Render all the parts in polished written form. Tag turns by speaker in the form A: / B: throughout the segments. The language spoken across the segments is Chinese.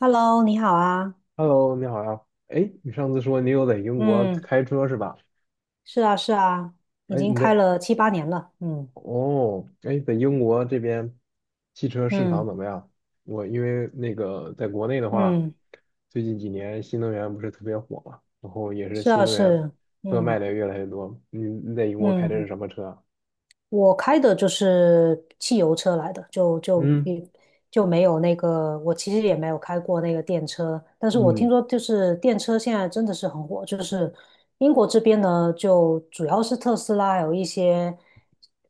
A: Hello，你好啊。
B: Hello，你好呀。哎，你上次说你有在英国
A: 嗯，
B: 开车是吧？
A: 是啊，是啊，已
B: 哎，
A: 经
B: 你
A: 开
B: 在
A: 了7、8年了。嗯
B: 哦，哎，在英国这边汽车市场
A: 嗯
B: 怎么样？我因为那个在国内的话，
A: 嗯，
B: 最近几年新能源不是特别火嘛，然后也是
A: 是
B: 新
A: 啊，
B: 能源
A: 是，
B: 车卖
A: 嗯
B: 的越来越多。你在英国开的是
A: 嗯。
B: 什么车啊？
A: 我开的就是汽油车来的，就
B: 嗯
A: 也就没有那个，我其实也没有开过那个电车，但是我听
B: 嗯
A: 说就是电车现在真的是很火，就是英国这边呢，就主要是特斯拉，还有一些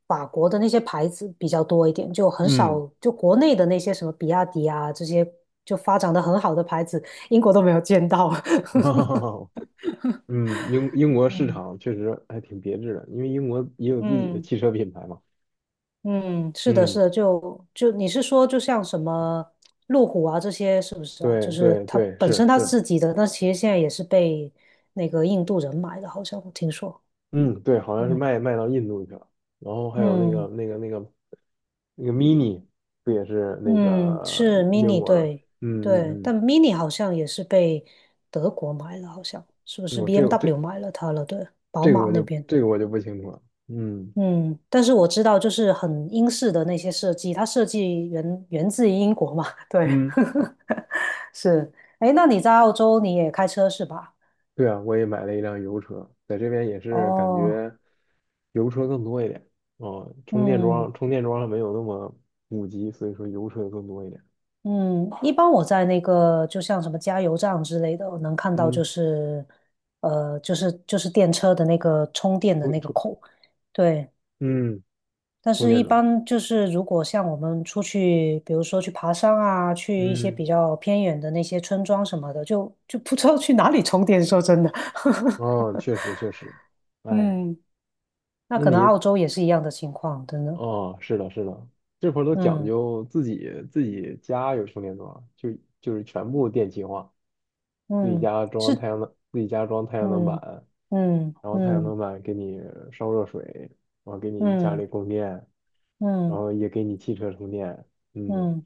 A: 法国的那些牌子比较多一点，就很
B: 嗯，
A: 少，就国内的那些什么比亚迪啊这些就发展的很好的牌子，英国都没有见到。
B: 哈 哈，英国市
A: 嗯，
B: 场确实还挺别致的，因为英国也有自己的
A: 嗯，
B: 汽车品牌嘛。
A: 嗯，是的，是
B: 嗯，
A: 的，就你是说，就像什么路虎啊这些，是不是啊？就
B: 对
A: 是
B: 对
A: 它
B: 对，
A: 本
B: 是
A: 身它
B: 是。
A: 自己的，那其实现在也是被那个印度人买的，好像我听说。
B: 嗯，对，好像是
A: 嗯
B: 卖到印度去了。然后还有那个
A: 嗯
B: 那个那个那个 mini，不也是那
A: 嗯，
B: 个
A: 是
B: 英
A: Mini，
B: 国的？
A: 对对，
B: 嗯
A: 但
B: 嗯
A: Mini 好像也是被德国买了，好像是不
B: 嗯，
A: 是
B: 我、这个这
A: BMW 买了它了？对，宝
B: 这个
A: 马
B: 我
A: 那
B: 就
A: 边。
B: 这个我就不清楚了。嗯，
A: 嗯，但是我知道，就是很英式的那些设计，它设计源自于英国嘛，对。
B: 嗯，
A: 是，哎，那你在澳洲你也开车是吧？
B: 对啊，我也买了一辆油车，在这边也是感
A: 哦，
B: 觉油车更多一点。哦，充电
A: 嗯
B: 桩充电桩还没有那么普及，所以说油车更多一点。
A: 嗯，一般我在那个就像什么加油站之类的，我能看到就
B: 嗯，
A: 是，就是电车的那个充电的
B: 充
A: 那个
B: 充
A: 口，对。
B: 嗯
A: 但
B: 充
A: 是，
B: 电
A: 一
B: 桩，
A: 般就是如果像我们出去，比如说去爬山啊，去一些
B: 嗯，
A: 比较偏远的那些村庄什么的，就不知道去哪里充电。说真的，
B: 哦，确实确实，哎，
A: 嗯，那
B: 那
A: 可能
B: 你
A: 澳洲也是一样的情况，真的，
B: 哦，是的，是的，这会儿都讲
A: 嗯
B: 究自己家有充电桩，就是全部电气化，自己
A: 嗯。
B: 家装
A: 是
B: 太阳能，自己家装太阳能
A: 嗯
B: 板，
A: 嗯
B: 然后太阳
A: 嗯
B: 能板给你烧热水，然后给你家
A: 嗯
B: 里供电，然
A: 嗯
B: 后也给你汽车充电。嗯，
A: 嗯，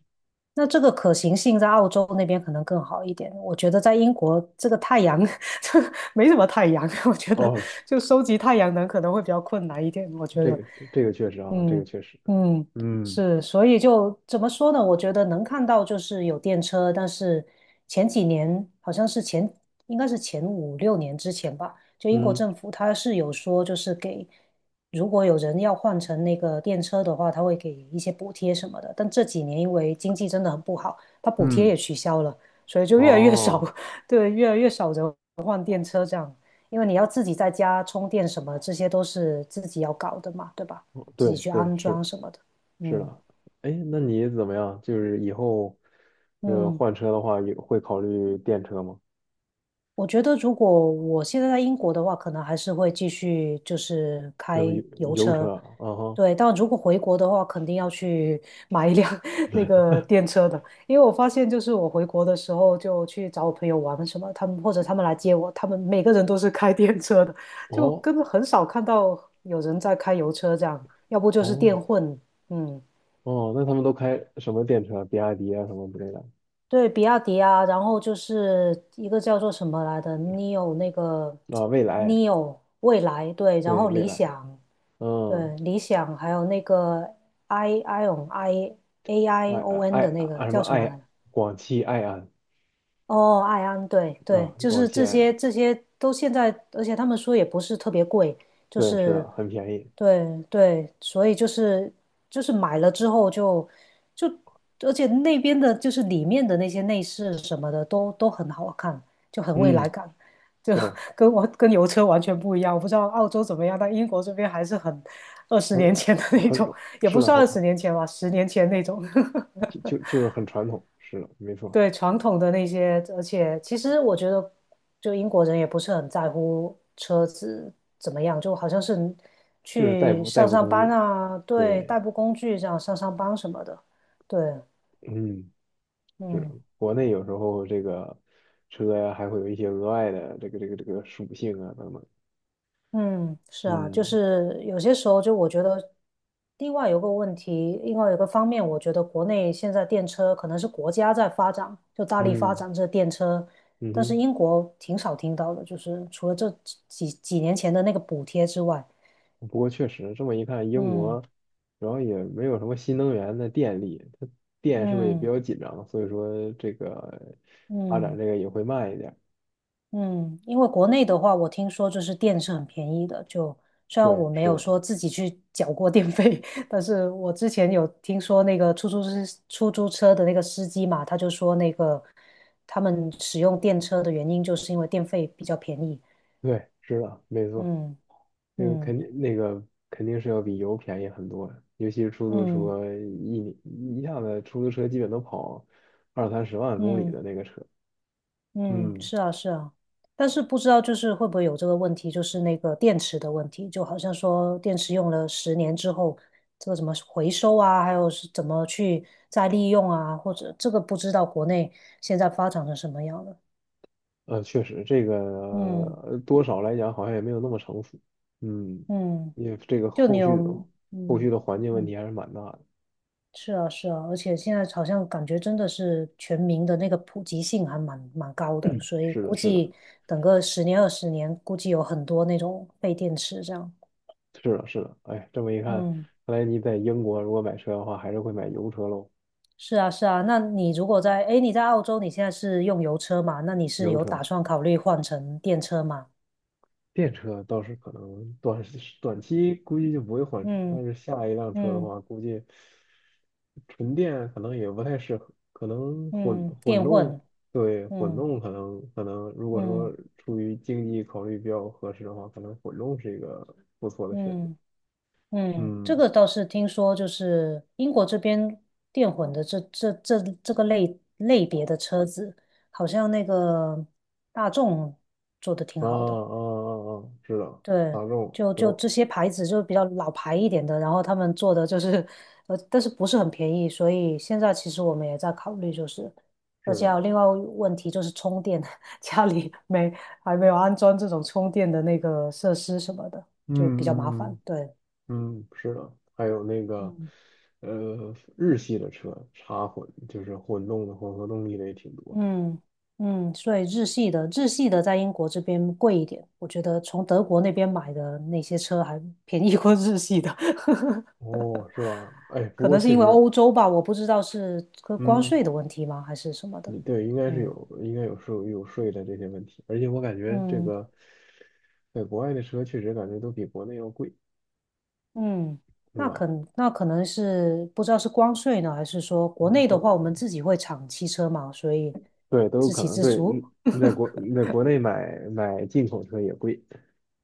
A: 那这个可行性在澳洲那边可能更好一点。我觉得在英国这个太阳 这没什么太阳，我觉得
B: 哦，
A: 就收集太阳能可能会比较困难一点。我觉
B: 这
A: 得，
B: 个这个确实啊，这个
A: 嗯
B: 确实，
A: 嗯，
B: 嗯
A: 是，所以就怎么说呢？我觉得能看到就是有电车，但是前几年好像是应该是前5、6年之前吧，就英国
B: 嗯
A: 政府它是有说，就是给如果有人要换成那个电车的话，它会给一些补贴什么的。但这几年因为经济真的很不好，它补贴
B: 嗯，
A: 也取消了，所以就越来越少，
B: 哦，
A: 对，越来越少人换电车这样，因为你要自己在家充电什么，这些都是自己要搞的嘛，对吧？自己
B: 对
A: 去
B: 对
A: 安
B: 是。
A: 装什么的。
B: 是
A: 嗯
B: 的，哎，那你怎么样？就是以后，
A: 嗯，
B: 换车的话，也会考虑电车吗？
A: 我觉得如果我现在在英国的话，可能还是会继续就是
B: 这个
A: 开
B: 油
A: 油
B: 油
A: 车。
B: 车，啊哈，
A: 对，但如果回国的话，肯定要去 买一辆 那
B: 对，
A: 个电车的，因为我发现就是我回国的时候就去找我朋友玩什么，他们或者他们来接我，他们每个人都是开电车的，就
B: 哦
A: 根本很少看到有人在开油车这样，要不就是
B: 哦
A: 电混，嗯。
B: 哦，那他们都开什么电车？比亚迪啊什么之类的
A: 对，比亚迪啊，然后就是一个叫做什么来的，neo 那个
B: 啊？蔚来，
A: neo 未来，对，然
B: 对，
A: 后
B: 蔚
A: 理
B: 来，
A: 想，对，
B: 嗯，
A: 理想，还有那个 i ion i a
B: 爱
A: i o n
B: 爱
A: 的那个
B: 爱什么
A: 叫什么来
B: 爱
A: 着？
B: 广汽埃安
A: 哦，爱安，对对，
B: 啊，
A: 就
B: 广
A: 是
B: 汽
A: 这
B: 埃
A: 些
B: 安，
A: 这些都现在，而且他们说也不是特别贵，就
B: 对，是的，
A: 是
B: 很便宜，
A: 对对，所以就是买了之后就，而且那边的就是里面的那些内饰什么的都很好看，就很未来
B: 嗯，
A: 感，就
B: 对，
A: 跟油车完全不一样。我不知道澳洲怎么样，但英国这边还是很二十
B: 很
A: 年前的那
B: 很
A: 种，也
B: 是
A: 不
B: 的，
A: 算
B: 很
A: 二十年前吧，十年前那种。
B: 就是很传统，是的，没错，
A: 对传统的那些，而且其实我觉得，就英国人也不是很在乎车子怎么样，就好像是
B: 就是代
A: 去
B: 步代
A: 上
B: 步
A: 上
B: 工
A: 班
B: 具，
A: 啊，对，
B: 对。
A: 代步工具这样上上班什么的，对，
B: 嗯，是的，
A: 嗯
B: 国内有时候这个车呀，还会有一些额外的这个属性啊等等。
A: 嗯，是啊，就
B: 嗯
A: 是有些时候就我觉得，另外有个问题，另外有个方面，我觉得国内现在电车可能是国家在发展，就大力发
B: 嗯
A: 展这电车。
B: 嗯
A: 但是
B: 哼，
A: 英国挺少听到的，就是除了这几年前的那个补贴之外，
B: 不过确实这么一看，英
A: 嗯
B: 国主要也没有什么新能源的电力，它电是不是也比
A: 嗯
B: 较紧张？所以说这个发展
A: 嗯
B: 这个也会慢一点。
A: 嗯，因为国内的话，我听说就是电是很便宜的，就虽然
B: 对，
A: 我没
B: 是
A: 有
B: 的，
A: 说自己去缴过电费，但是我之前有听说那个出租车的那个司机嘛，他就说那个他们使用电车的原因就是因为电费比较便宜。
B: 对，是的，没错。
A: 嗯
B: 那个
A: 嗯
B: 肯定那个肯定是要比油便宜很多，尤其是出租
A: 嗯
B: 车，一年一下子出租车基本都跑二三十万公里
A: 嗯
B: 的那个车。
A: 嗯，
B: 嗯，
A: 是啊，是啊，但是不知道就是会不会有这个问题，就是那个电池的问题，就好像说电池用了十年之后，这个怎么回收啊，还有是怎么去再利用啊，或者这个不知道国内现在发展成什么样了。
B: 确实这个
A: 嗯
B: 多少来讲好像也没有那么成熟。嗯，
A: 嗯，
B: 因为这个
A: 就你
B: 后
A: 有
B: 续的后续
A: 嗯
B: 的环境问
A: 嗯，
B: 题还是蛮大的。
A: 是啊是啊，而且现在好像感觉真的是全民的那个普及性还蛮高的，所以
B: 是的，
A: 估
B: 是的，
A: 计等个10年20年，估计有很多那种废电池这样。
B: 是的，是的。哎，这么一看，
A: 嗯。
B: 看来你在英国如果买车的话，还是会买油车喽，
A: 是啊，是啊。那你如果在，诶，你在澳洲，你现在是用油车嘛？那你是
B: 油
A: 有打
B: 车。
A: 算考虑换成电车吗？
B: 电车倒是可能短期估计就不会换车，但
A: 嗯
B: 是下一辆车的
A: 嗯
B: 话，估计纯电可能也不太适合，可能混
A: 嗯，
B: 混
A: 电
B: 动，
A: 混，
B: 对，混
A: 嗯
B: 动可能如果说
A: 嗯
B: 出于经济考虑比较合适的话，可能混动是一个不错的选择。
A: 嗯嗯，这
B: 嗯，
A: 个倒是听说，就是英国这边电混的这个类别的车子，好像那个大众做的挺
B: 啊啊
A: 好的。
B: 啊啊，是的，
A: 对，
B: 大众
A: 就
B: 都
A: 这些牌子就比较老牌一点的，然后他们做的就是，但是不是很便宜，所以现在其实我们也在考虑，就是，而
B: 是
A: 且还有
B: 的，
A: 另外一个问题就是充电，家里没还没有安装这种充电的那个设施什么的，就比较麻烦。
B: 嗯嗯
A: 对，
B: 嗯。嗯，是的，还有那个，
A: 嗯，
B: 日系的车插混，就是混动的混合动力的也挺多的。
A: 嗯嗯，所以日系的在英国这边贵一点，我觉得从德国那边买的那些车还便宜过日系的。
B: 哦，是吧？哎，不
A: 可
B: 过
A: 能是
B: 确
A: 因为
B: 实，
A: 欧洲吧，我不知道是个关
B: 嗯，
A: 税的问题吗，还是什么的。
B: 对，应该是
A: 嗯
B: 有，应该有税的这些问题。而且我感觉这
A: 嗯
B: 个，在国外的车确实感觉都比国内要贵，
A: 嗯，
B: 是
A: 那
B: 吧？
A: 可那可能是不知道是关税呢，还是说国
B: 嗯
A: 内的
B: 都
A: 话，我们自己会产汽车嘛，所以
B: 对，都有
A: 自
B: 可
A: 给
B: 能
A: 自
B: 对。
A: 足。
B: 嗯，在国内买进口车也贵，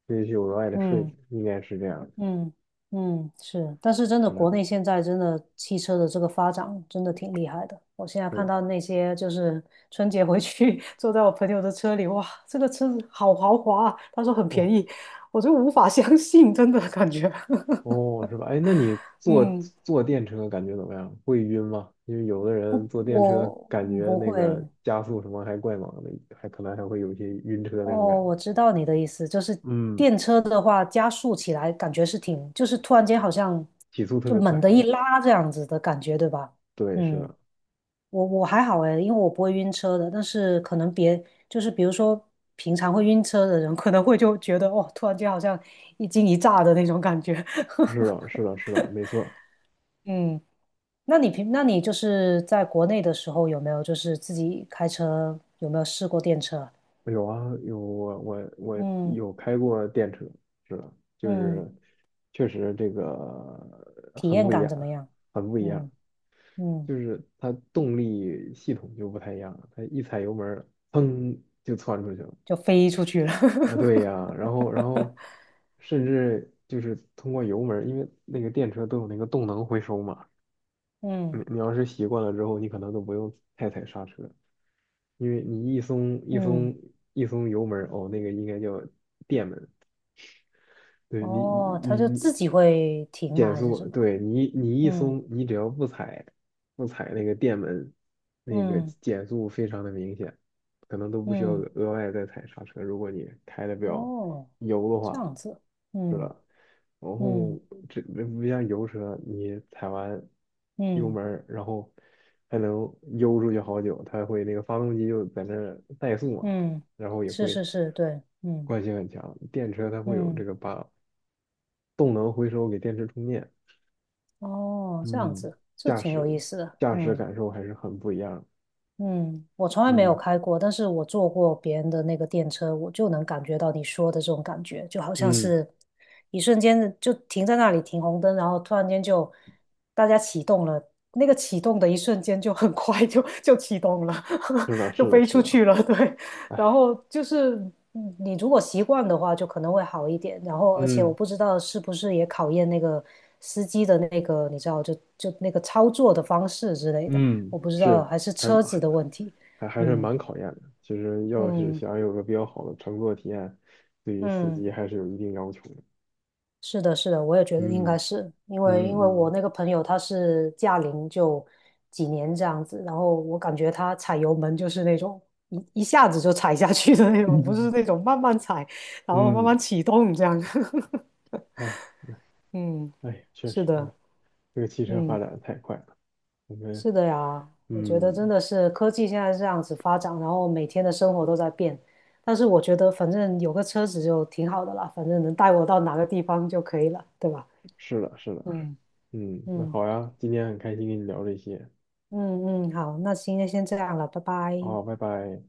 B: 这是有额外的税的
A: 嗯。
B: 应该是这样的。
A: 嗯嗯，是，但是真的，
B: 是吧？
A: 国内现在真的汽车的这个发展真的挺厉害的。我现在
B: 是
A: 看
B: 的。
A: 到那些就是春节回去 坐在我朋友的车里，哇，这个车子好豪华啊，他说很便
B: 哦，
A: 宜，我就无法相信，真的感觉。
B: 哦，是吧？哎，那你 坐
A: 嗯，
B: 坐电车感觉怎么样？会晕吗？因为有的人坐电车
A: 我
B: 感觉
A: 不
B: 那个
A: 会。
B: 加速什么还怪猛的，还可能还会有一些晕车那种感
A: 哦，
B: 觉。
A: 我知道你的意思，就是
B: 嗯，
A: 电车的话，加速起来感觉是挺，就是突然间好像
B: 提速特
A: 就
B: 别
A: 猛
B: 快。
A: 地一拉这样子的感觉，对吧？
B: 对，是
A: 嗯。
B: 的，
A: 我还好诶，因为我不会晕车的，但是可能别就是比如说平常会晕车的人，可能会就觉得哦，突然间好像一惊一乍的那种感觉。
B: 是的，是的，是的，没错。
A: 嗯，那你就是在国内的时候有没有就是自己开车有没有试过电车啊？
B: 有啊，有我
A: 嗯
B: 有开过电车，是的，就
A: 嗯，
B: 是确实这个
A: 体
B: 很
A: 验
B: 不一
A: 感
B: 样，
A: 怎么样？
B: 很不一样。
A: 嗯嗯，
B: 就是它动力系统就不太一样了，它一踩油门儿，砰就窜出去了。
A: 就飞出去了。
B: 啊，对呀，然后然 后甚至就是通过油门儿，因为那个电车都有那个动能回收嘛，
A: 嗯
B: 你要是习惯了之后，你可能都不用太踩刹车，因为你一松一
A: 嗯，
B: 松一松油门儿，哦，那个应该叫电门，对你
A: 哦，它
B: 你
A: 就
B: 你
A: 自己会停吗？
B: 减
A: 还是什
B: 速，
A: 么？
B: 对你一
A: 嗯
B: 松，你只要不踩那个电门，那个
A: 嗯
B: 减速非常的明显，可能都不需要
A: 嗯。
B: 额外再踩刹车。如果你开的比较
A: 哦，
B: 油的
A: 这
B: 话，
A: 样子，
B: 是
A: 嗯
B: 吧？然后
A: 嗯
B: 这不像油车，你踩完油
A: 嗯
B: 门儿，然后还能悠出去好久，它会那个发动机就在那儿怠速嘛，
A: 嗯，
B: 然后也
A: 是
B: 会
A: 是是，对，嗯
B: 惯性很强。电车它会有这
A: 嗯，
B: 个把动能回收给电池充电，
A: 哦，这样
B: 嗯，
A: 子，这
B: 驾
A: 挺
B: 驶
A: 有意思的，
B: 驾驶
A: 嗯。
B: 感受还是很不一样，
A: 嗯，我从来没有
B: 嗯
A: 开过，但是我坐过别人的那个电车，我就能感觉到你说的这种感觉，就好像
B: 嗯，
A: 是一瞬间就停在那里停红灯，然后突然间就大家启动了，那个启动的一瞬间就很快就启动了，
B: 是的，
A: 就
B: 是的，
A: 飞
B: 是
A: 出
B: 的，
A: 去了，对。然
B: 哎，
A: 后就是嗯你如果习惯的话，就可能会好一点。然后而且我
B: 嗯
A: 不知道是不是也考验那个司机的那个，你知道，就那个操作的方式之类的。我
B: 嗯，
A: 不知道，
B: 是
A: 还是
B: 还
A: 车子
B: 还
A: 的问题。
B: 还是
A: 嗯
B: 蛮考验的。其实要是
A: 嗯
B: 想有个比较好的乘坐体验，对于司
A: 嗯，
B: 机还是有一定要求的。
A: 是的，是的，我也觉得应该
B: 嗯
A: 是因为我
B: 嗯
A: 那个朋友他是驾龄就几年这样子，然后我感觉他踩油门就是那种一下子就踩下去的那种，不是
B: 嗯
A: 那 种慢慢踩，然后慢
B: 嗯，
A: 慢启动这样。
B: 哎
A: 嗯，
B: 哎，确
A: 是
B: 实呢，
A: 的，
B: 这个汽车发
A: 嗯。
B: 展的太快了，我们
A: 是的呀，我觉得
B: 嗯，
A: 真的是科技现在这样子发展，然后每天的生活都在变。但是我觉得反正有个车子就挺好的了，反正能带我到哪个地方就可以了，对吧？
B: 是的，是的。
A: 嗯。
B: 嗯，那
A: 嗯
B: 好呀，今天很开心跟你聊这些。
A: 嗯嗯，好，那今天先这样了，拜拜。
B: 好，拜拜。